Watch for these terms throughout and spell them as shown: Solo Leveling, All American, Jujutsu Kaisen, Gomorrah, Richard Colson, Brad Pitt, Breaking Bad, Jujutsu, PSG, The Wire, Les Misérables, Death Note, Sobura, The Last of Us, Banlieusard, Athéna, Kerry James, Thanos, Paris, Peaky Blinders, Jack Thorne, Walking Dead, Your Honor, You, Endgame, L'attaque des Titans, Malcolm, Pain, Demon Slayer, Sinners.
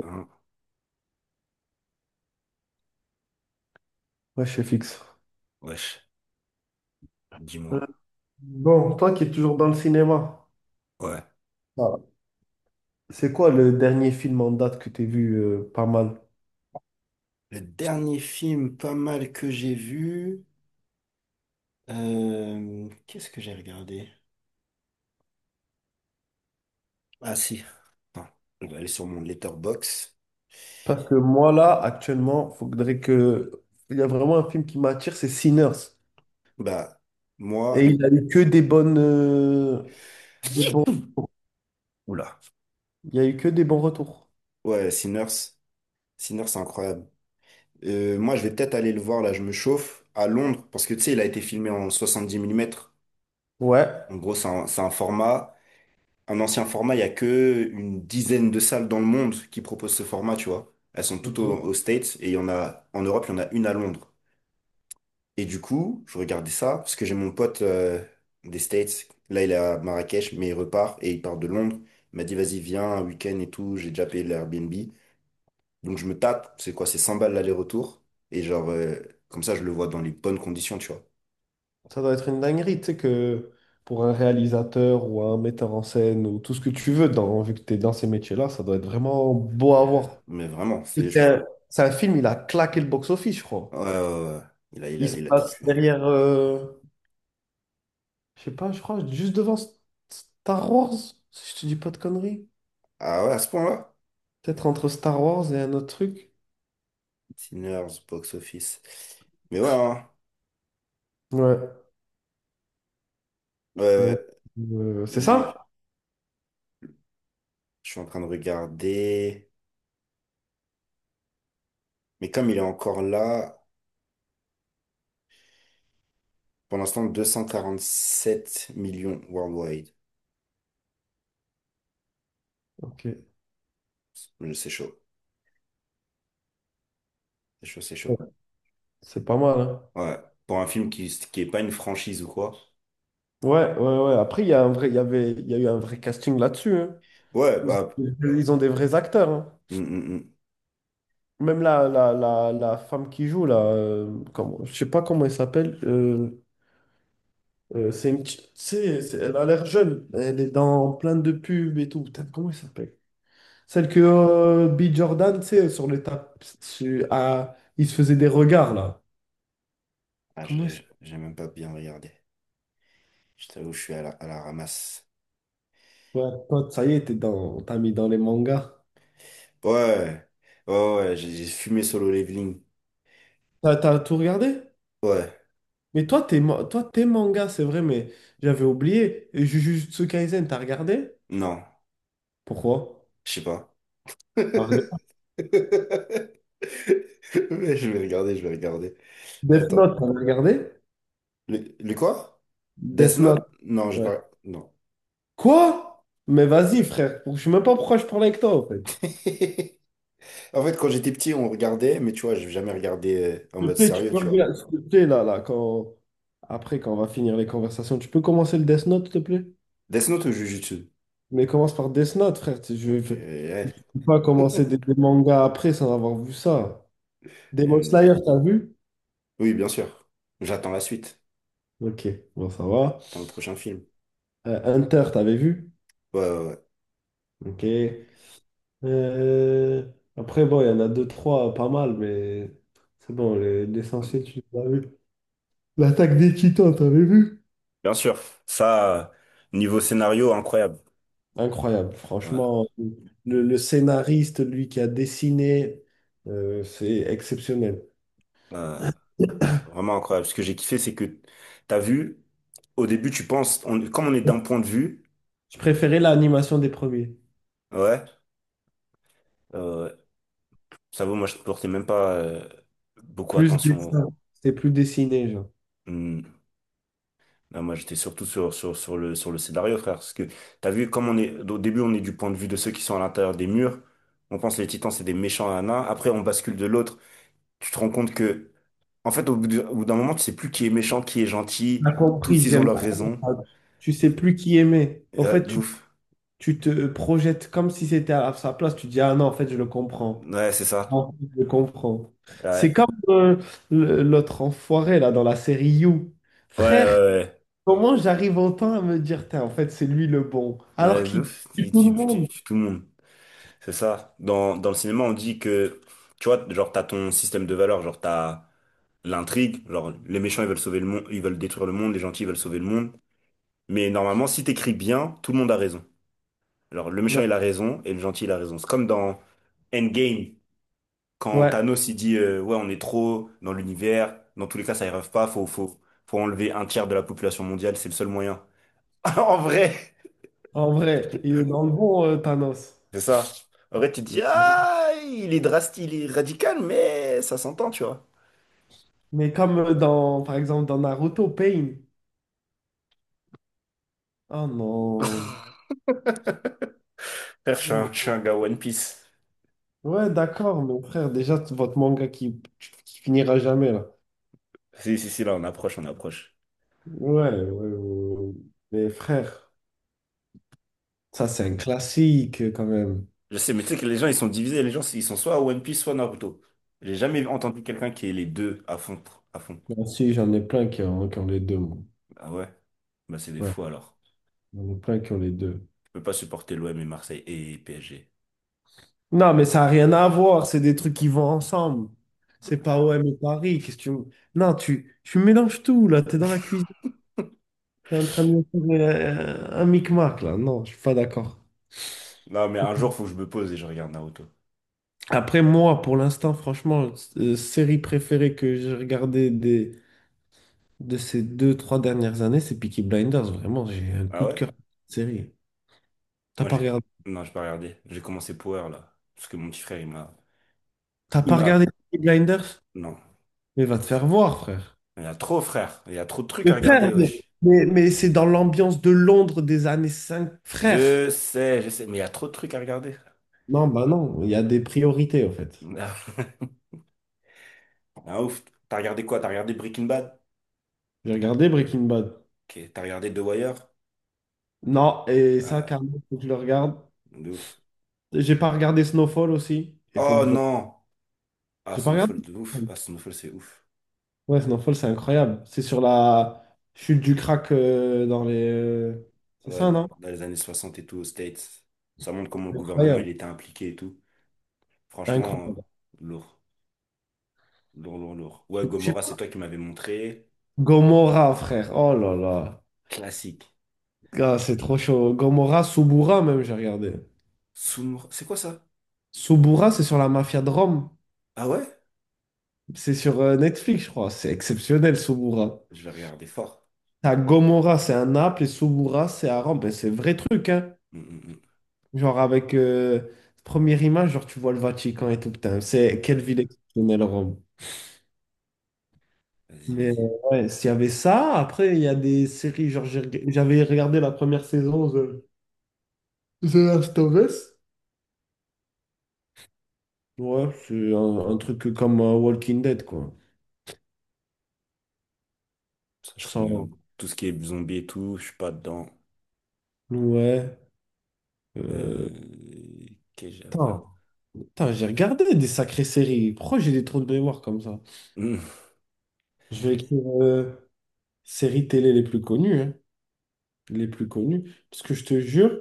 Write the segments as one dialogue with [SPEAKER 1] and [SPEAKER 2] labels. [SPEAKER 1] Hein,
[SPEAKER 2] Ouais, je suis fixe.
[SPEAKER 1] wesh, dis-moi.
[SPEAKER 2] Euh, Bon, toi qui es toujours dans le cinéma.
[SPEAKER 1] Ouais.
[SPEAKER 2] Ah. C'est quoi le dernier film en date que tu as vu pas mal?
[SPEAKER 1] Le dernier film pas mal que j'ai vu. Qu'est-ce que j'ai regardé? Ah si. Attends, on va aller sur mon letterbox.
[SPEAKER 2] Parce que moi là, actuellement, faudrait que... il y a vraiment un film qui m'attire, c'est Sinners.
[SPEAKER 1] Bah, moi.
[SPEAKER 2] Et il a eu que des bonnes... des bons...
[SPEAKER 1] Oula.
[SPEAKER 2] Il y a eu que des bons retours.
[SPEAKER 1] Ouais, Sinners. Sinners, c'est incroyable. Moi, je vais peut-être aller le voir, là, je me chauffe, à Londres, parce que tu sais, il a été filmé en 70 millimètres.
[SPEAKER 2] Ouais.
[SPEAKER 1] En gros, c'est un format, un ancien format. Il y a que une dizaine de salles dans le monde qui proposent ce format, tu vois. Elles sont toutes
[SPEAKER 2] Ok.
[SPEAKER 1] au- aux States, et il y en a en Europe, il y en a une à Londres. Et du coup, je regardais ça parce que j'ai mon pote des States. Là, il est à Marrakech, mais il repart et il part de Londres. Il m'a dit, vas-y, viens, un week-end et tout. J'ai déjà payé l'Airbnb. Donc, je me tape. C'est quoi? C'est 100 balles l'aller-retour. Et genre, comme ça, je le vois dans les bonnes conditions, tu vois.
[SPEAKER 2] Ça doit être une dinguerie, tu sais, que pour un réalisateur ou un metteur en scène ou tout ce que tu veux, dans... vu que tu es dans ces métiers-là, ça doit être vraiment beau à voir.
[SPEAKER 1] Mais vraiment, c'est.
[SPEAKER 2] C'est
[SPEAKER 1] Je-
[SPEAKER 2] un, c'est un film, il a claqué le box-office, je crois.
[SPEAKER 1] ouais, ouais. Il a, il a,
[SPEAKER 2] Il se
[SPEAKER 1] il a tout
[SPEAKER 2] passe
[SPEAKER 1] tué.
[SPEAKER 2] derrière, je sais pas, je crois, juste devant Star Wars, si je te dis pas de conneries.
[SPEAKER 1] Ah ouais, à ce point-là?
[SPEAKER 2] Peut-être entre Star Wars et un autre truc.
[SPEAKER 1] Sinners, box office. Mais ouais, hein.
[SPEAKER 2] Ouais,
[SPEAKER 1] Ouais, ouais.
[SPEAKER 2] donc,
[SPEAKER 1] ouais.
[SPEAKER 2] c'est
[SPEAKER 1] Lui,
[SPEAKER 2] ça?
[SPEAKER 1] je suis en train de regarder. Mais comme il est encore là, pour l'instant, 7 millions worldwide.
[SPEAKER 2] Ok.
[SPEAKER 1] C'est chaud. C'est chaud, c'est chaud.
[SPEAKER 2] Ouais, c'est pas mal, hein.
[SPEAKER 1] Ouais. Pour un film qui est pas une franchise ou quoi.
[SPEAKER 2] Ouais, ouais, ouais. Après, il y a eu un vrai casting là-dessus, hein.
[SPEAKER 1] Ouais,
[SPEAKER 2] Ils
[SPEAKER 1] bah.
[SPEAKER 2] ils ont des vrais acteurs, hein.
[SPEAKER 1] Hum, hum.
[SPEAKER 2] Même la femme qui joue, là, comment, je sais pas comment elle s'appelle. C'est une petite- c'est- Elle a l'air jeune. Elle est dans plein de pubs et tout. Putain, comment elle s'appelle? Celle que B. Jordan, tu sais, sur le tap, il se faisait des regards, là.
[SPEAKER 1] Ah,
[SPEAKER 2] Comment elle s'appelle?
[SPEAKER 1] j'ai même pas bien regardé. Je t'avoue, je suis à la ramasse.
[SPEAKER 2] Ouais, toi, ça y est, t'as mis dans les mangas.
[SPEAKER 1] Ouais. Ouais, ouais, ouais, j'ai fumé Solo Leveling.
[SPEAKER 2] T'as tout regardé?
[SPEAKER 1] Ouais.
[SPEAKER 2] Mais toi, toi, t'es manga, c'est vrai, mais j'avais oublié. Et Jujutsu Kaisen, t'as regardé?
[SPEAKER 1] Non.
[SPEAKER 2] Pourquoi?
[SPEAKER 1] Je sais pas.
[SPEAKER 2] T'as regardé
[SPEAKER 1] Mais je vais regarder, je vais regarder.
[SPEAKER 2] Death
[SPEAKER 1] Attends.
[SPEAKER 2] Note, t'as regardé?
[SPEAKER 1] Le quoi? Death
[SPEAKER 2] Death Note,
[SPEAKER 1] Note? Non, je
[SPEAKER 2] ouais.
[SPEAKER 1] pas. Non.
[SPEAKER 2] Quoi? Mais vas-y, frère. Je sais même pas pourquoi je parle avec toi, en fait.
[SPEAKER 1] En fait, quand j'étais petit, on regardait, mais tu vois, j'ai jamais regardé en
[SPEAKER 2] Tu
[SPEAKER 1] mode
[SPEAKER 2] peux, tu
[SPEAKER 1] sérieux,
[SPEAKER 2] peux
[SPEAKER 1] tu vois.
[SPEAKER 2] regarder, s'il te plaît, là, là, quand... Après, quand on va finir les conversations, tu peux commencer le Death Note, s'il te plaît?
[SPEAKER 1] Death Note ou Jujutsu?
[SPEAKER 2] Mais commence par Death Note, frère. tu- Je
[SPEAKER 1] Ok,
[SPEAKER 2] je
[SPEAKER 1] ouais.
[SPEAKER 2] peux pas commencer des mangas après sans avoir vu ça. Demon
[SPEAKER 1] Euh,
[SPEAKER 2] Slayer, t'as vu?
[SPEAKER 1] oui, bien sûr. J'attends la suite
[SPEAKER 2] Ok, bon, ça va.
[SPEAKER 1] dans le prochain film.
[SPEAKER 2] Hunter, t'avais vu?
[SPEAKER 1] Ouais, ouais,
[SPEAKER 2] Ok. Euh, Après, bon, il y en a deux, trois, pas mal, mais c'est bon, l'essentiel,
[SPEAKER 1] ouais.
[SPEAKER 2] tu l'as vu. L'attaque des Titans, t'avais vu?
[SPEAKER 1] Bien sûr. Ça, niveau scénario, incroyable.
[SPEAKER 2] Incroyable,
[SPEAKER 1] Ouais,
[SPEAKER 2] franchement. Le scénariste, lui qui a dessiné, c'est exceptionnel.
[SPEAKER 1] ouais. Vraiment incroyable. Ce que j'ai kiffé, c'est que t'as vu, au début, tu penses, on, comme on est d'un point de vue,
[SPEAKER 2] Je préférais l'animation des premiers.
[SPEAKER 1] ouais, euh, ça vaut, moi, je ne portais même pas beaucoup
[SPEAKER 2] Plus
[SPEAKER 1] attention. Au-
[SPEAKER 2] dessin, c'était plus dessiné, genre.
[SPEAKER 1] hmm. Non, moi, j'étais surtout sur le scénario, frère. Parce que t'as vu, comme on est, au début, on est du point de vue de ceux qui sont à l'intérieur des murs. On pense les titans, c'est des méchants, nains. Après, on bascule de l'autre. Tu te rends compte que, en fait, au bout d'un moment, tu sais plus qui est méchant, qui est gentil.
[SPEAKER 2] T'as compris,
[SPEAKER 1] Tous, ils ont
[SPEAKER 2] j'aime
[SPEAKER 1] leurs
[SPEAKER 2] trop.
[SPEAKER 1] raisons.
[SPEAKER 2] Tu sais plus qui aimer. En
[SPEAKER 1] Ouais,
[SPEAKER 2] fait,
[SPEAKER 1] de ouf.
[SPEAKER 2] tu te projettes comme si c'était à sa place. Tu dis, ah non, en fait, je le comprends.
[SPEAKER 1] Ouais, c'est ça.
[SPEAKER 2] En fait, je le comprends. C'est
[SPEAKER 1] Ouais.
[SPEAKER 2] comme l'autre enfoiré, là, dans la série You.
[SPEAKER 1] Ouais, ouais,
[SPEAKER 2] Frère,
[SPEAKER 1] ouais.
[SPEAKER 2] comment j'arrive autant à me dire, tain, en fait, c'est lui le bon, alors
[SPEAKER 1] Ouais, de
[SPEAKER 2] qu'il
[SPEAKER 1] ouf,
[SPEAKER 2] tue tout le monde.
[SPEAKER 1] tout le monde. C'est ça. Dans le cinéma, on dit que, tu vois, genre, t'as ton système de valeurs, genre, t'as l'intrigue, genre, les méchants, ils veulent sauver le monde, ils veulent détruire le monde, les gentils, ils veulent sauver le monde. Mais normalement, si t'écris bien, tout le monde a raison. Genre, le méchant,
[SPEAKER 2] Ouais,
[SPEAKER 1] il a raison, et le gentil, il a raison. C'est comme dans Endgame, quand
[SPEAKER 2] ouais.
[SPEAKER 1] Thanos, il dit, ouais, on est trop dans l'univers, dans tous les cas, ça y rêve pas, faut enlever 1 tiers de la population mondiale, c'est le seul moyen. En vrai!
[SPEAKER 2] En vrai, il est dans le bon, Thanos.
[SPEAKER 1] C'est ça. En vrai, tu te dis,
[SPEAKER 2] Mais
[SPEAKER 1] ah, il est drastique, il est radical, mais ça s'entend, tu vois.
[SPEAKER 2] mais comme dans, par exemple, dans Naruto, Pain. Oh non.
[SPEAKER 1] Frère, je suis
[SPEAKER 2] Non.
[SPEAKER 1] un, je suis un gars One Piece.
[SPEAKER 2] Ouais, d'accord, mon frère, déjà, votre manga qui finira jamais, là.
[SPEAKER 1] Si, si, si, là, on approche, on approche.
[SPEAKER 2] Ouais, ouais, ouais, ouais. Mais frère, ça, c'est un classique, quand même.
[SPEAKER 1] Je sais, mais tu sais que les gens, ils sont divisés. Les gens, ils sont soit One Piece, soit Naruto. J'ai jamais entendu quelqu'un qui est les deux à fond, à fond.
[SPEAKER 2] Moi aussi, j'en ai plein qui ont les deux, moi.
[SPEAKER 1] Ah ouais? Bah, c'est des
[SPEAKER 2] Ouais,
[SPEAKER 1] fous, alors.
[SPEAKER 2] j'en ai plein qui ont les deux.
[SPEAKER 1] Je peux pas supporter l'OM et Marseille et PSG.
[SPEAKER 2] Non, mais ça n'a rien à voir. C'est des trucs qui vont ensemble. C'est pas OM et Paris. Qu'est-ce que tu... Non, tu mélanges tout, là. Tu es dans la cuisine. Tu es en train de me faire un micmac, là. Non, je suis pas d'accord.
[SPEAKER 1] Non, mais un jour, faut que je me pose et je regarde Naruto.
[SPEAKER 2] Après, moi, pour l'instant, franchement, série préférée que j'ai regardée de ces deux, trois dernières années, c'est Peaky Blinders. Vraiment, j'ai un
[SPEAKER 1] Ah
[SPEAKER 2] coup de
[SPEAKER 1] ouais?
[SPEAKER 2] cœur pour cette série. T'as
[SPEAKER 1] Moi,
[SPEAKER 2] pas
[SPEAKER 1] j'ai...
[SPEAKER 2] regardé,
[SPEAKER 1] non, j'ai pas regardé. J'ai commencé Power, là. Parce que mon petit frère, il m'a...
[SPEAKER 2] t'as
[SPEAKER 1] il
[SPEAKER 2] pas regardé
[SPEAKER 1] m'a...
[SPEAKER 2] Peaky Blinders?
[SPEAKER 1] non.
[SPEAKER 2] Mais va te faire voir, frère.
[SPEAKER 1] Il y a trop, frère. Il y a trop de trucs à
[SPEAKER 2] Mais frère,
[SPEAKER 1] regarder,
[SPEAKER 2] mais,
[SPEAKER 1] wesh.
[SPEAKER 2] mais- mais c'est dans l'ambiance de Londres des années 5, frère.
[SPEAKER 1] Je sais, mais il y a trop de trucs à regarder.
[SPEAKER 2] Non, bah non, il y a des priorités en fait.
[SPEAKER 1] Ah, ah, ouf. T'as regardé quoi? T'as regardé Breaking Bad?
[SPEAKER 2] J'ai regardé Breaking Bad.
[SPEAKER 1] Ok. T'as regardé The Wire?
[SPEAKER 2] Non, et ça,
[SPEAKER 1] Ah,
[SPEAKER 2] carrément, faut que je le regarde.
[SPEAKER 1] de ouf.
[SPEAKER 2] J'ai pas regardé Snowfall aussi. Il faut que
[SPEAKER 1] Oh
[SPEAKER 2] je regarde.
[SPEAKER 1] non! Ah,
[SPEAKER 2] J'ai pas regardé.
[SPEAKER 1] Snowfall, de ouf.
[SPEAKER 2] Snowfall.
[SPEAKER 1] Ah, Snowfall, c'est ouf.
[SPEAKER 2] Ouais, Snowfall, c'est incroyable. C'est sur la chute du crack, dans les... c'est
[SPEAKER 1] Ouais,
[SPEAKER 2] ça, non?
[SPEAKER 1] dans les années 60 et tout, aux States. Ça montre comment le gouvernement,
[SPEAKER 2] Incroyable.
[SPEAKER 1] il était impliqué et tout. Franchement,
[SPEAKER 2] Incroyable.
[SPEAKER 1] lourd. Lourd, lourd, lourd. Ouais,
[SPEAKER 2] Je sais
[SPEAKER 1] Gomorrah, c'est
[SPEAKER 2] pas.
[SPEAKER 1] toi qui m'avais montré.
[SPEAKER 2] Gomorrah, frère. Oh là là.
[SPEAKER 1] Classique.
[SPEAKER 2] Gars, c'est trop chaud. Gomorrah, Subura, même, j'ai regardé.
[SPEAKER 1] Soumbre. C'est quoi ça?
[SPEAKER 2] Sobura, c'est sur la mafia de Rome.
[SPEAKER 1] Ah ouais?
[SPEAKER 2] C'est sur Netflix, je crois. C'est exceptionnel, Sobura.
[SPEAKER 1] Je vais regarder fort.
[SPEAKER 2] T'as Gomorra, c'est à Naples, et Sobura, c'est à Rome. Ben, c'est vrai truc, hein.
[SPEAKER 1] Mm, mm, mm.
[SPEAKER 2] Genre, avec première image, genre, tu vois le Vatican et tout. Putain, c'est quelle
[SPEAKER 1] Euh,
[SPEAKER 2] ville exceptionnelle, Rome.
[SPEAKER 1] vas-y,
[SPEAKER 2] Mais
[SPEAKER 1] vas-y.
[SPEAKER 2] ouais, s'il y avait ça, après, il y a des séries, genre, j'avais regardé la première saison de The Last of Us. Ouais, c'est un truc comme Walking Dead, quoi.
[SPEAKER 1] Ça, je connais
[SPEAKER 2] Sans...
[SPEAKER 1] tout ce qui est zombie et tout, je suis pas dedans.
[SPEAKER 2] Ouais. Euh...
[SPEAKER 1] Euh... Qu'est-ce que j'ai
[SPEAKER 2] putain.
[SPEAKER 1] regardé?
[SPEAKER 2] Putain, j'ai regardé des sacrées séries. Pourquoi j'ai des trous de mémoire comme ça?
[SPEAKER 1] Hmm.
[SPEAKER 2] Je vais écrire séries télé les plus connues, hein, les plus connues. Parce que je te jure,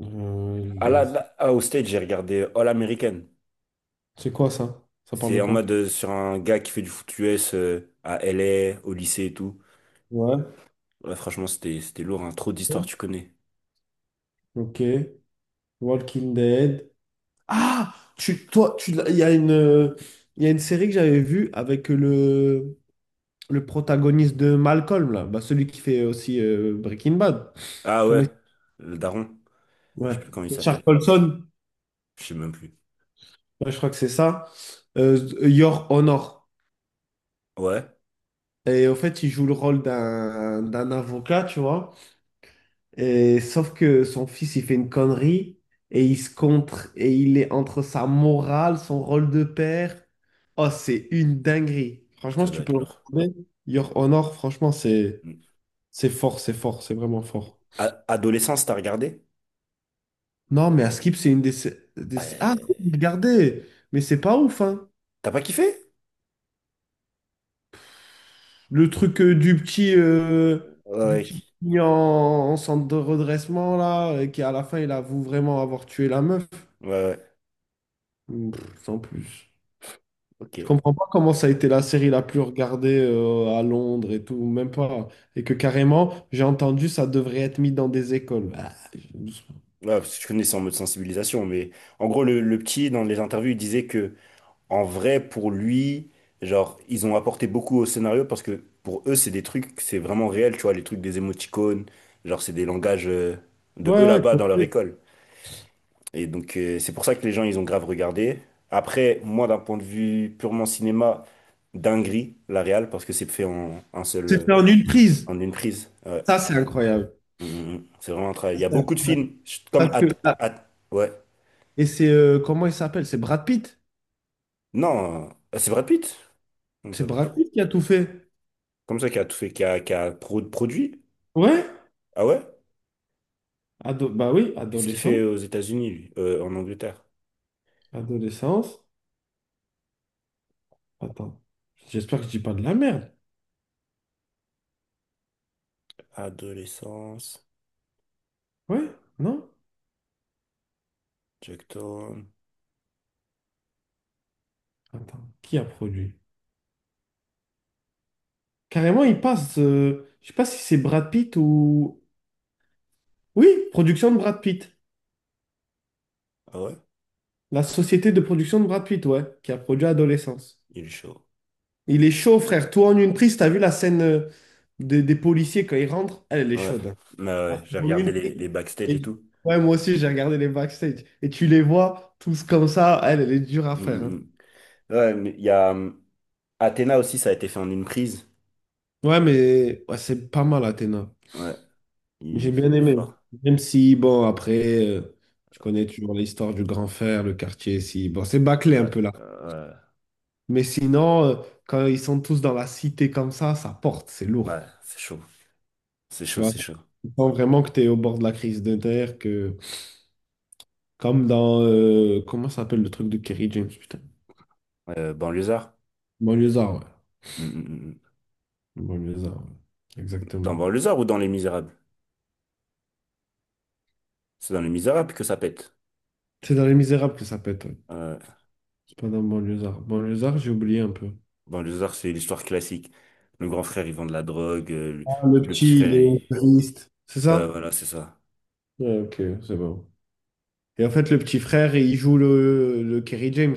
[SPEAKER 2] euh,
[SPEAKER 1] Ah
[SPEAKER 2] les-
[SPEAKER 1] là, là, ah, au stage, j'ai regardé All American.
[SPEAKER 2] c'est quoi ça? Ça parle
[SPEAKER 1] C'est
[SPEAKER 2] de
[SPEAKER 1] en
[SPEAKER 2] quoi?
[SPEAKER 1] mode sur un gars qui fait du foot US à LA, au lycée et tout.
[SPEAKER 2] Ouais.
[SPEAKER 1] Ouais, franchement, c'était lourd, hein. Trop d'histoires, tu connais.
[SPEAKER 2] Ok. Walking Dead. Ah! Tu, toi, tu, l'as- Il y a une série que j'avais vue avec le protagoniste de Malcolm, là. Bah, celui qui fait aussi Breaking Bad.
[SPEAKER 1] Ah
[SPEAKER 2] Comment il-
[SPEAKER 1] ouais, le daron. Je
[SPEAKER 2] Ouais.
[SPEAKER 1] sais plus comment il
[SPEAKER 2] Richard
[SPEAKER 1] s'appelle.
[SPEAKER 2] Colson.
[SPEAKER 1] Je sais même plus.
[SPEAKER 2] Ouais, je crois que c'est ça. Your Honor.
[SPEAKER 1] Ouais,
[SPEAKER 2] Et en fait, il joue le rôle d'un avocat, tu vois. Et sauf que son fils, il fait une connerie et il se contre et il est entre sa morale, son rôle de père. Oh, c'est une dinguerie. Franchement,
[SPEAKER 1] ça
[SPEAKER 2] si
[SPEAKER 1] doit
[SPEAKER 2] tu peux
[SPEAKER 1] être
[SPEAKER 2] le
[SPEAKER 1] lourd.
[SPEAKER 2] retrouver, Your Honor, franchement,
[SPEAKER 1] Hmm.
[SPEAKER 2] c'est fort, c'est fort, c'est vraiment fort.
[SPEAKER 1] A- adolescence, t'as regardé?
[SPEAKER 2] Non, mais Askip c'est une des sé- ah,
[SPEAKER 1] Euh,
[SPEAKER 2] regardez, mais c'est pas ouf, hein.
[SPEAKER 1] T'as pas kiffé?
[SPEAKER 2] Le truc du petit,
[SPEAKER 1] Ouais,
[SPEAKER 2] qui est en centre de redressement, là, qui à la fin, il avoue vraiment avoir tué la meuf.
[SPEAKER 1] ouais, ouais.
[SPEAKER 2] Mmh, pff, sans plus. Je
[SPEAKER 1] Ok.
[SPEAKER 2] comprends pas comment ça a été la série la plus regardée à Londres et tout, même pas. Et que carrément, j'ai entendu, ça devrait être mis dans des écoles.
[SPEAKER 1] Ouais, parce que je connais, c'est en mode sensibilisation, mais en gros, le petit, dans les interviews, il disait que, en vrai, pour lui, genre, ils ont apporté beaucoup au scénario parce que pour eux, c'est des trucs, c'est vraiment réel, tu vois, les trucs des émoticônes, genre, c'est des langages de
[SPEAKER 2] Ouais,
[SPEAKER 1] eux
[SPEAKER 2] ouais,
[SPEAKER 1] là-bas dans leur
[SPEAKER 2] complet.
[SPEAKER 1] école. Et donc, c'est pour ça que les gens, ils ont grave regardé. Après, moi, d'un point de vue purement cinéma, dinguerie, la réal, parce que c'est fait en
[SPEAKER 2] C'est fait en une prise.
[SPEAKER 1] en une prise. Ouais.
[SPEAKER 2] Ça, c'est incroyable.
[SPEAKER 1] Mm, mm, mm. C'est vraiment un travail.
[SPEAKER 2] Ça,
[SPEAKER 1] Il y a
[SPEAKER 2] c'est-
[SPEAKER 1] beaucoup de films, je- comme
[SPEAKER 2] Parce que,
[SPEAKER 1] At-
[SPEAKER 2] ah,
[SPEAKER 1] At- ouais.
[SPEAKER 2] et c'est, comment il s'appelle? C'est Brad Pitt.
[SPEAKER 1] Non, c'est Brad Pitt. Comme ça,
[SPEAKER 2] C'est
[SPEAKER 1] Brad.
[SPEAKER 2] Brad Pitt qui a tout fait.
[SPEAKER 1] Comme ça, qui a tout fait, qui a pro- produit.
[SPEAKER 2] Ouais,
[SPEAKER 1] Ah ouais?
[SPEAKER 2] Bah oui,
[SPEAKER 1] Qu'est-ce qu'il
[SPEAKER 2] adolescent.
[SPEAKER 1] fait aux États-Unis, lui? En Angleterre.
[SPEAKER 2] Adolescence. Attends. J'espère que je dis pas de la merde.
[SPEAKER 1] Adolescence,
[SPEAKER 2] Ouais? Non?
[SPEAKER 1] Jack Thorne.
[SPEAKER 2] Attends. Qui a produit? Carrément, il passe. Je sais pas si c'est Brad Pitt ou. Oui, production de Brad Pitt.
[SPEAKER 1] Ah ouais?
[SPEAKER 2] La société de production de Brad Pitt, ouais, qui a produit Adolescence.
[SPEAKER 1] Il est chaud.
[SPEAKER 2] Il est chaud, frère. Toi en une prise, t'as vu la scène des policiers quand ils rentrent? Elle, elle est
[SPEAKER 1] Ah ouais.
[SPEAKER 2] chaude, hein.
[SPEAKER 1] Mais
[SPEAKER 2] Ah,
[SPEAKER 1] ouais,
[SPEAKER 2] c'est
[SPEAKER 1] j'ai
[SPEAKER 2] en
[SPEAKER 1] regardé
[SPEAKER 2] une prise.
[SPEAKER 1] les backstage et
[SPEAKER 2] Et-
[SPEAKER 1] tout.
[SPEAKER 2] Ouais, moi aussi, j'ai regardé les backstage. Et tu les vois tous comme ça. Elle, elle est dure à
[SPEAKER 1] Mm,
[SPEAKER 2] faire,
[SPEAKER 1] mm,
[SPEAKER 2] hein.
[SPEAKER 1] mm. Ouais, mais il y a Athena aussi, ça a été fait en une prise.
[SPEAKER 2] Ouais, mais ouais, c'est pas mal, Athéna.
[SPEAKER 1] Ouais. Il,
[SPEAKER 2] J'ai bien
[SPEAKER 1] il est
[SPEAKER 2] aimé.
[SPEAKER 1] fort.
[SPEAKER 2] Même si, bon, après, tu connais toujours l'histoire du grand frère, le quartier, si, bon, c'est bâclé un
[SPEAKER 1] Ouais,
[SPEAKER 2] peu là.
[SPEAKER 1] euh,
[SPEAKER 2] Mais sinon, quand ils sont tous dans la cité comme ça porte, c'est
[SPEAKER 1] ouais. Ouais,
[SPEAKER 2] lourd.
[SPEAKER 1] c'est chaud. C'est
[SPEAKER 2] Tu
[SPEAKER 1] chaud,
[SPEAKER 2] vois,
[SPEAKER 1] c'est chaud.
[SPEAKER 2] tu sens vraiment que tu es au bord de la crise de terre, que, comme dans, comment ça s'appelle le truc de Kerry James, putain?
[SPEAKER 1] Banlieusard?
[SPEAKER 2] Banlieusard, ouais.
[SPEAKER 1] Mm, mm, mm, mm.
[SPEAKER 2] Banlieusard, ouais.
[SPEAKER 1] Dans
[SPEAKER 2] Exactement.
[SPEAKER 1] Banlieusard ou dans Les Misérables? C'est dans Les Misérables que ça pète.
[SPEAKER 2] C'est dans Les Misérables que ça pète, ouais.
[SPEAKER 1] Euh,
[SPEAKER 2] C'est pas dans Banlieusard. Banlieusard, j'ai oublié un peu.
[SPEAKER 1] dans les arts, c'est l'histoire classique. Le grand frère, il vend de la drogue.
[SPEAKER 2] Ah, le
[SPEAKER 1] Le petit
[SPEAKER 2] petit,
[SPEAKER 1] frère,
[SPEAKER 2] il
[SPEAKER 1] il...
[SPEAKER 2] est triste. C'est
[SPEAKER 1] ouais,
[SPEAKER 2] ça?
[SPEAKER 1] voilà, c'est ça.
[SPEAKER 2] Ouais, ok, c'est bon. Et en fait, le petit frère, il joue le Kerry James.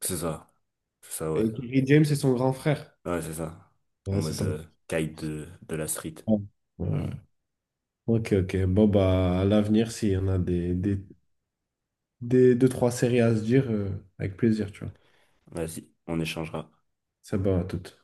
[SPEAKER 1] C'est ça. C'est ça, ouais.
[SPEAKER 2] Et Kerry James, c'est son grand frère.
[SPEAKER 1] Ouais, c'est ça. En
[SPEAKER 2] Ouais, c'est
[SPEAKER 1] mode
[SPEAKER 2] ça.
[SPEAKER 1] caïd de la street.
[SPEAKER 2] Ouais. Ouais. Ok, ok. Bon, bah, à l'avenir, s'il y en a des deux, trois séries à se dire, avec plaisir, tu vois.
[SPEAKER 1] Vas-y, on échangera.
[SPEAKER 2] Ça va, à toutes.